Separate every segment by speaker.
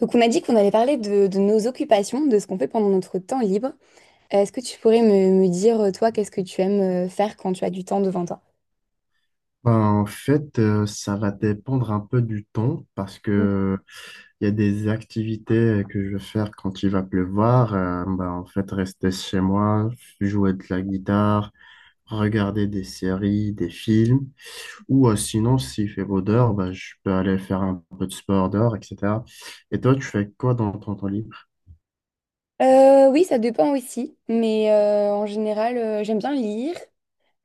Speaker 1: Donc on a dit qu'on allait parler de nos occupations, de ce qu'on fait pendant notre temps libre. Est-ce que tu pourrais me dire, toi, qu'est-ce que tu aimes faire quand tu as du temps devant toi?
Speaker 2: Ben, en fait, ça va dépendre un peu du temps parce que il y a des activités que je vais faire quand il va pleuvoir. Ben, en fait, rester chez moi, jouer de la guitare, regarder des séries, des films. Ou sinon, s'il fait beau dehors, ben, je peux aller faire un peu de sport dehors, etc. Et toi, tu fais quoi dans ton temps libre?
Speaker 1: Oui, ça dépend aussi, mais en général, j'aime bien lire,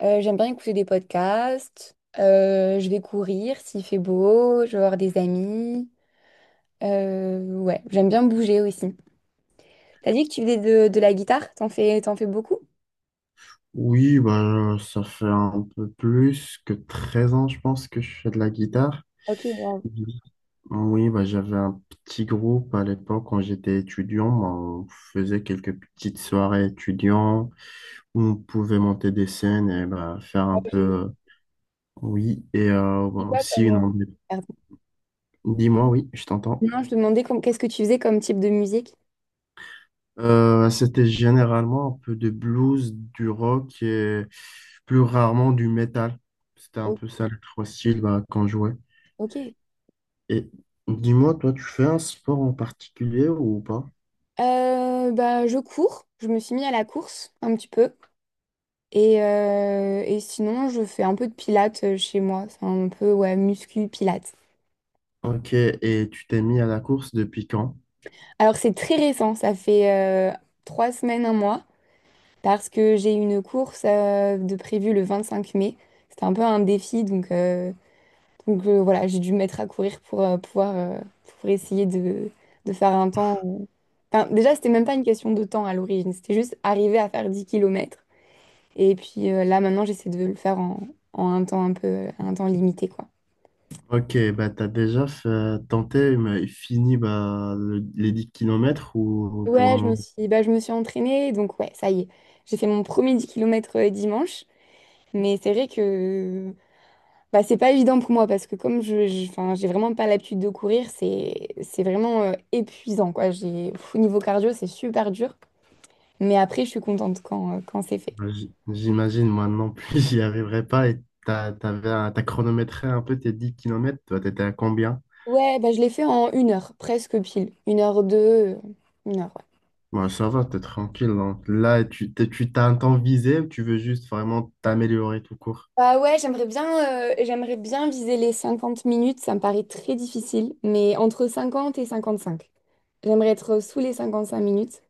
Speaker 1: j'aime bien écouter des podcasts, je vais courir s'il fait beau, je vais voir des amis. Ouais, j'aime bien bouger aussi. T'as dit que tu faisais de la guitare, t'en fais beaucoup?
Speaker 2: Oui, ben, ça fait un peu plus que 13 ans, je pense, que je fais de la guitare.
Speaker 1: Ok, bon,
Speaker 2: Oui, bah, j'avais un petit groupe à l'époque quand j'étais étudiant. Bah, on faisait quelques petites soirées étudiants où on pouvait monter des scènes et bah, faire un peu.
Speaker 1: j'ai
Speaker 2: Oui, et bah,
Speaker 1: j'ai pas
Speaker 2: aussi
Speaker 1: comme...
Speaker 2: une.
Speaker 1: moi. Pardon.
Speaker 2: Dis-moi, oui, je t'entends.
Speaker 1: Non, je demandais qu'est-ce que tu faisais comme type de musique?
Speaker 2: C'était généralement un peu de blues, du rock et plus rarement du métal. C'était un peu ça les trois styles bah, qu'on jouait.
Speaker 1: Ok.
Speaker 2: Et dis-moi, toi, tu fais un sport en particulier ou pas?
Speaker 1: Bah, je cours. Je me suis mis à la course un petit peu. Et sinon, je fais un peu de pilates chez moi. C'est un peu, ouais, muscu pilates.
Speaker 2: Ok, et tu t'es mis à la course depuis quand?
Speaker 1: Alors, c'est très récent. Ça fait euh, 3 semaines, un mois. Parce que j'ai une course de prévue le 25 mai. C'était un peu un défi. Donc, voilà, j'ai dû me mettre à courir pour pouvoir pour essayer de faire un temps. Enfin, déjà, c'était même pas une question de temps à l'origine. C'était juste arriver à faire 10 kilomètres. Et puis là, maintenant, j'essaie de le faire en un temps un peu, un temps limité, quoi.
Speaker 2: Ok, bah tenté, mais fini bah, les 10 kilomètres ou pour le
Speaker 1: Ouais,
Speaker 2: moment,
Speaker 1: je me suis entraînée, donc ouais, ça y est. J'ai fait mon premier 10 km dimanche, mais c'est vrai que bah, c'est pas évident pour moi parce que enfin, j'ai vraiment pas l'habitude de courir, c'est vraiment épuisant, quoi. J'ai, pff, au niveau cardio, c'est super dur, mais après, je suis contente quand, quand c'est fait.
Speaker 2: bah, j'imagine moi non plus j'y arriverai pas. Et t'avais, t'as chronométré un peu tes 10 kilomètres, toi t'étais à combien?
Speaker 1: Ouais, bah, je l'ai fait en 1 heure, presque pile. 1 heure 2, 1 heure, ouais.
Speaker 2: Bah, ça va, t'es tranquille, hein. Là, tu t'as un temps visé ou tu veux juste vraiment t'améliorer tout court?
Speaker 1: Bah ouais, j'aimerais bien viser les 50 minutes, ça me paraît très difficile, mais entre 50 et 55. J'aimerais être sous les 55 minutes.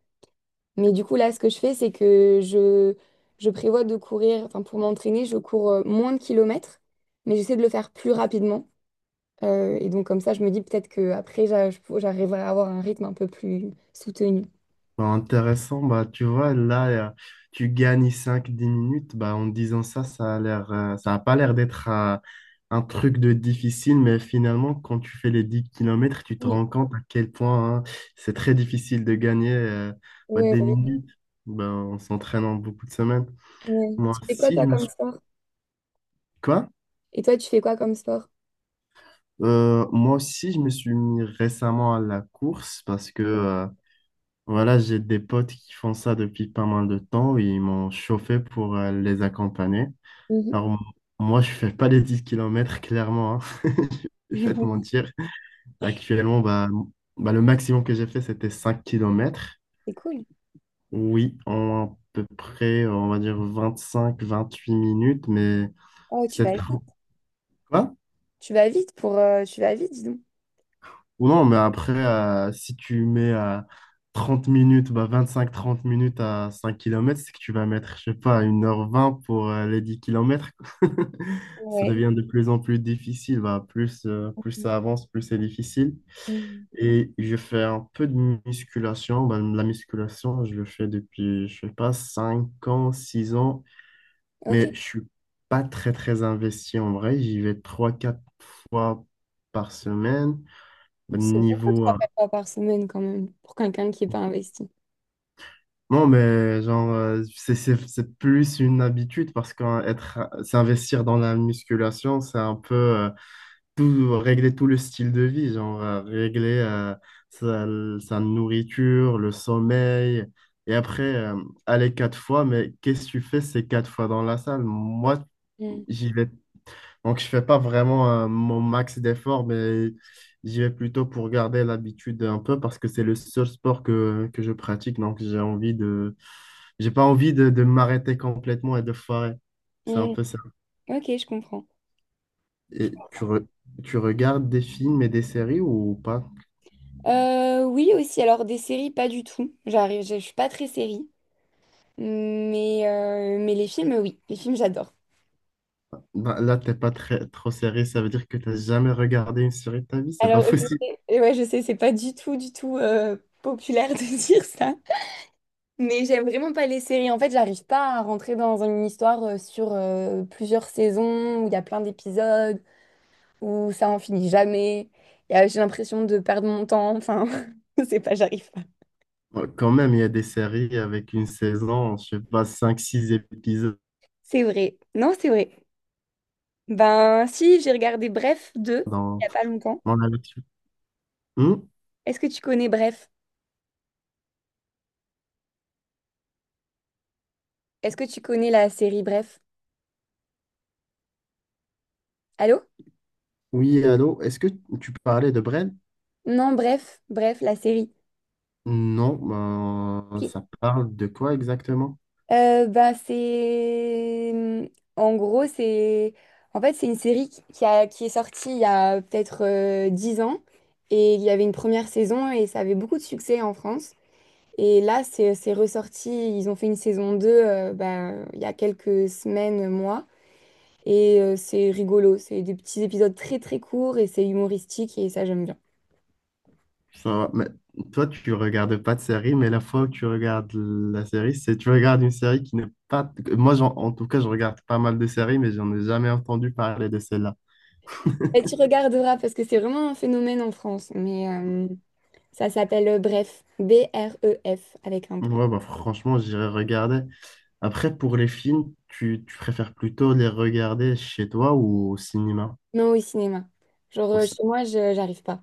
Speaker 1: Mais du coup, là, ce que je fais, je prévois de courir, enfin, pour m'entraîner, je cours moins de kilomètres, mais j'essaie de le faire plus rapidement. Et donc, comme ça, je me dis peut-être qu'après, j'arriverai à avoir un rythme un peu plus soutenu.
Speaker 2: Bah, intéressant, bah, tu vois, là, tu gagnes 5 10 minutes. Bah, en disant ça, ça a l'air, ça a pas l'air d'être un truc de difficile, mais finalement, quand tu fais les 10 kilomètres tu te
Speaker 1: Oui,
Speaker 2: rends compte à quel point hein, c'est très difficile de gagner bah, des
Speaker 1: ouais,
Speaker 2: minutes. Bah, en s'entraînant beaucoup de semaines.
Speaker 1: ouais.
Speaker 2: Moi
Speaker 1: Tu fais quoi,
Speaker 2: aussi, je
Speaker 1: toi,
Speaker 2: me
Speaker 1: comme
Speaker 2: suis...
Speaker 1: sport?
Speaker 2: Quoi?
Speaker 1: Et toi, tu fais quoi comme sport?
Speaker 2: Moi aussi, je me suis mis récemment à la course parce que... voilà, j'ai des potes qui font ça depuis pas mal de temps. Ils m'ont chauffé pour les accompagner.
Speaker 1: Mhm.
Speaker 2: Alors, moi, je fais pas les 10 kilomètres clairement, hein. Je vais pas te mentir. Actuellement, bah, bah, le maximum que j'ai fait, c'était 5 kilomètres.
Speaker 1: C'est cool.
Speaker 2: Oui, en à peu près, on va dire 25 28 minutes, mais
Speaker 1: Oh, tu
Speaker 2: c'était
Speaker 1: vas
Speaker 2: trop.
Speaker 1: Tu vas vite pour... tu vas vite, dis donc.
Speaker 2: Ou non, mais après, si tu mets à 30 minutes, bah 25 30 minutes à 5 kilomètres c'est que tu vas mettre, je sais pas, 1h20 pour les 10 kilomètres. Ça
Speaker 1: Ouais.
Speaker 2: devient de plus en plus difficile. Bah, plus, plus ça avance, plus c'est difficile.
Speaker 1: Mm.
Speaker 2: Et je fais un peu de musculation. Bah, la musculation, je le fais depuis, je sais pas, 5 ans, 6 ans.
Speaker 1: Ok.
Speaker 2: Mais je suis pas très, très investi en vrai. J'y vais 3 4 fois par semaine. Bah,
Speaker 1: C'est beaucoup,
Speaker 2: niveau,
Speaker 1: trois, quatre fois par semaine quand même, pour quelqu'un qui n'est pas investi.
Speaker 2: non, mais genre, c'est plus une habitude parce que être, s'investir dans la musculation, c'est un peu tout, régler tout le style de vie, genre régler sa, sa nourriture, le sommeil. Et après, aller 4 fois, mais qu'est-ce que tu fais ces 4 fois dans la salle? Moi,
Speaker 1: Mm.
Speaker 2: j'y vais. Donc, je fais pas vraiment mon max d'efforts, mais j'y vais plutôt pour garder l'habitude un peu parce que c'est le seul sport que je pratique. Donc, j'ai pas envie de m'arrêter complètement et de foirer. C'est un
Speaker 1: Mm.
Speaker 2: peu ça.
Speaker 1: Ok, je comprends.
Speaker 2: Et tu regardes des films et des séries ou pas?
Speaker 1: Oui, aussi, alors des séries, pas du tout. Je suis pas très série, mais les films, oui, les films, j'adore.
Speaker 2: Bah, là, t'es pas très, trop série. Ça veut dire que t'as jamais regardé une série de ta vie. C'est pas
Speaker 1: Alors, je
Speaker 2: possible.
Speaker 1: sais, et ouais, je sais, c'est pas du tout, du tout populaire de dire ça, mais j'aime vraiment pas les séries. En fait, j'arrive pas à rentrer dans une histoire sur plusieurs saisons où il y a plein d'épisodes, où ça en finit jamais. Et, j'ai l'impression de perdre mon temps. Enfin, c'est pas, j'arrive pas.
Speaker 2: Ouais, quand même, il y a des séries avec une saison, je sais pas, 5 6 épisodes
Speaker 1: C'est vrai. Non, c'est vrai. Ben, si, j'ai regardé Bref 2 il y
Speaker 2: dans,
Speaker 1: a pas longtemps.
Speaker 2: dans la nature. Hmm.
Speaker 1: Est-ce que tu connais Bref? Est-ce que tu connais la série Bref? Allô?
Speaker 2: Oui, allô? Est-ce que tu parlais de Brel?
Speaker 1: Non, Bref, Bref, la série.
Speaker 2: Non, ben,
Speaker 1: Ok.
Speaker 2: ça parle de quoi exactement?
Speaker 1: Ben, c'est. En gros, c'est. En fait, c'est une série qui est sortie il y a peut-être 10 ans. Et il y avait une première saison et ça avait beaucoup de succès en France. Et là, c'est ressorti, ils ont fait une saison 2, ben, il y a quelques semaines, mois, et c'est rigolo, c'est des petits épisodes très très courts et c'est humoristique et ça j'aime bien.
Speaker 2: Ça, mais toi, tu regardes pas de série, mais la fois où tu regardes la série, c'est tu regardes une série qui n'est pas. Moi, en tout cas, je regarde pas mal de séries, mais j'en ai jamais entendu parler de celle-là.
Speaker 1: Et tu regarderas parce que c'est vraiment un phénomène en France, mais ça s'appelle Bref, BREF avec un point.
Speaker 2: Ouais, bah, franchement, j'irai regarder. Après, pour les films, tu préfères plutôt les regarder chez toi ou au cinéma
Speaker 1: Non au cinéma. Genre
Speaker 2: aussi?
Speaker 1: chez moi, je j'arrive pas.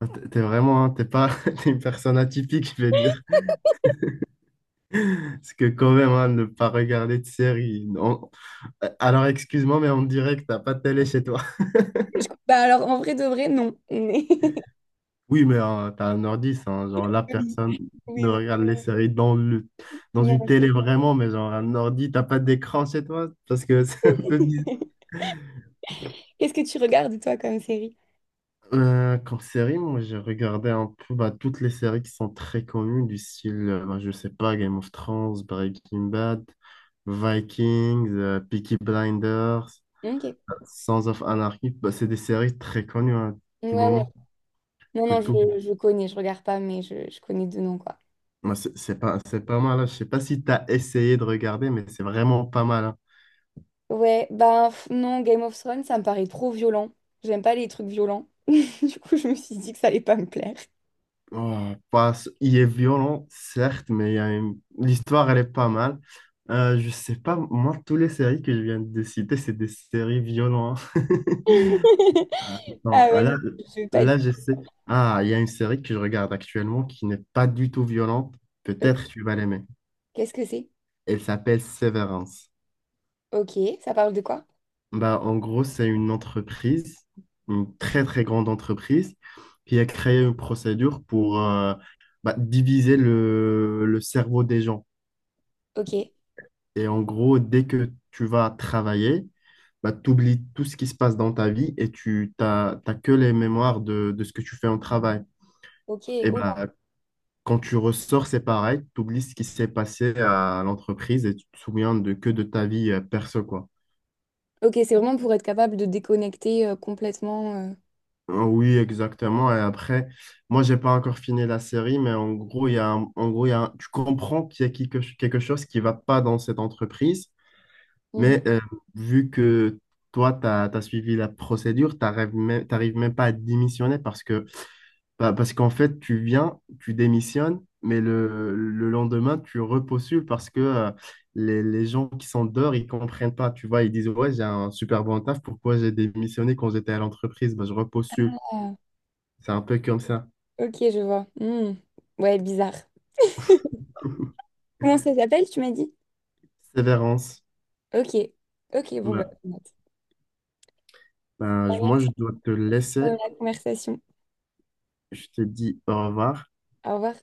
Speaker 2: Ah, t'es vraiment, hein, t'es pas, t'es une personne atypique, je vais dire. Parce que quand même, hein, ne pas regarder de série. Non. Alors, excuse-moi, mais on dirait que t'as pas de télé chez toi.
Speaker 1: Bah alors en vrai de vrai, non. Mais-
Speaker 2: Oui, mais t'as un ordi, ça, hein. Genre, la personne
Speaker 1: Oui, oui,
Speaker 2: ne
Speaker 1: oui,
Speaker 2: regarde les, ouais, séries dans le, dans une
Speaker 1: non.
Speaker 2: télé vraiment, mais genre, un ordi, t'as pas d'écran chez toi? Parce que c'est un peu bizarre.
Speaker 1: Qu'est-ce que tu regardes toi comme série?
Speaker 2: Comme série, moi, j'ai regardé un peu bah, toutes les séries qui sont très connues, du style, bah, je sais pas, Game of Thrones, Breaking Bad, Vikings, Peaky Blinders,
Speaker 1: Ok.
Speaker 2: Sons of Anarchy. Bah, c'est des séries très connues, hein, du moment
Speaker 1: Ouais, non,
Speaker 2: que tout.
Speaker 1: je connais, je regarde pas, mais je connais de nom, quoi.
Speaker 2: Moi, c'est pas mal, hein. Je sais pas si tu as essayé de regarder, mais c'est vraiment pas mal, hein.
Speaker 1: Ouais, ben pff, non, Game of Thrones, ça me paraît trop violent. J'aime pas les trucs violents. Du coup, je me suis dit que ça allait pas me plaire.
Speaker 2: Oh, pas- il est violent, certes, mais il y a l'histoire, elle est pas mal. Je sais pas, moi, toutes les séries que je viens de citer, c'est des séries violentes, hein. Euh,
Speaker 1: Ah
Speaker 2: Non,
Speaker 1: ouais,
Speaker 2: là,
Speaker 1: non, je vais pas être...
Speaker 2: là, je sais. Ah, il y a une série que je regarde actuellement qui n'est pas du tout violente.
Speaker 1: Euh,
Speaker 2: Peut-être tu vas l'aimer.
Speaker 1: Qu'est-ce que c'est?
Speaker 2: Elle s'appelle Severance.
Speaker 1: Ok, ça parle de quoi?
Speaker 2: Bah, en gros, c'est une entreprise, une très très grande entreprise, qui a créé une procédure pour bah, diviser le cerveau des gens.
Speaker 1: Ok,
Speaker 2: Et en gros, dès que tu vas travailler, bah, tu oublies tout ce qui se passe dans ta vie et t'as que les mémoires de ce que tu fais en travail.
Speaker 1: ok,
Speaker 2: Et
Speaker 1: oula.
Speaker 2: bah, quand tu ressors, c'est pareil, tu oublies ce qui s'est passé à l'entreprise et tu te souviens de, que de ta vie perso, quoi.
Speaker 1: Ok, c'est vraiment pour être capable de déconnecter complètement.
Speaker 2: Ah oui, exactement. Et après, moi, j'ai pas encore fini la série, mais en gros, il y a tu comprends qu'il y a quelque, quelque chose qui va pas dans cette entreprise,
Speaker 1: Mhm.
Speaker 2: mais vu que toi, tu as suivi la procédure, t'arrives même pas à démissionner parce que, bah, parce qu'en fait, tu viens, tu démissionnes, mais le lendemain, tu repostules parce que les gens qui sont dehors, ils comprennent pas. Tu vois, ils disent, ouais, j'ai un super bon taf, pourquoi j'ai démissionné quand j'étais à l'entreprise? Bah, je repostule.
Speaker 1: Ah,
Speaker 2: C'est un peu comme ça.
Speaker 1: ok, je vois. Hmm. Ouais, bizarre. Comment ça s'appelle, tu m'as dit?
Speaker 2: Sévérance.
Speaker 1: Ok, ok, bon, bah,
Speaker 2: Bah,
Speaker 1: on note.
Speaker 2: bah,
Speaker 1: Ça va,
Speaker 2: moi, je dois te laisser.
Speaker 1: la conversation.
Speaker 2: Je te dis au revoir.
Speaker 1: Au revoir.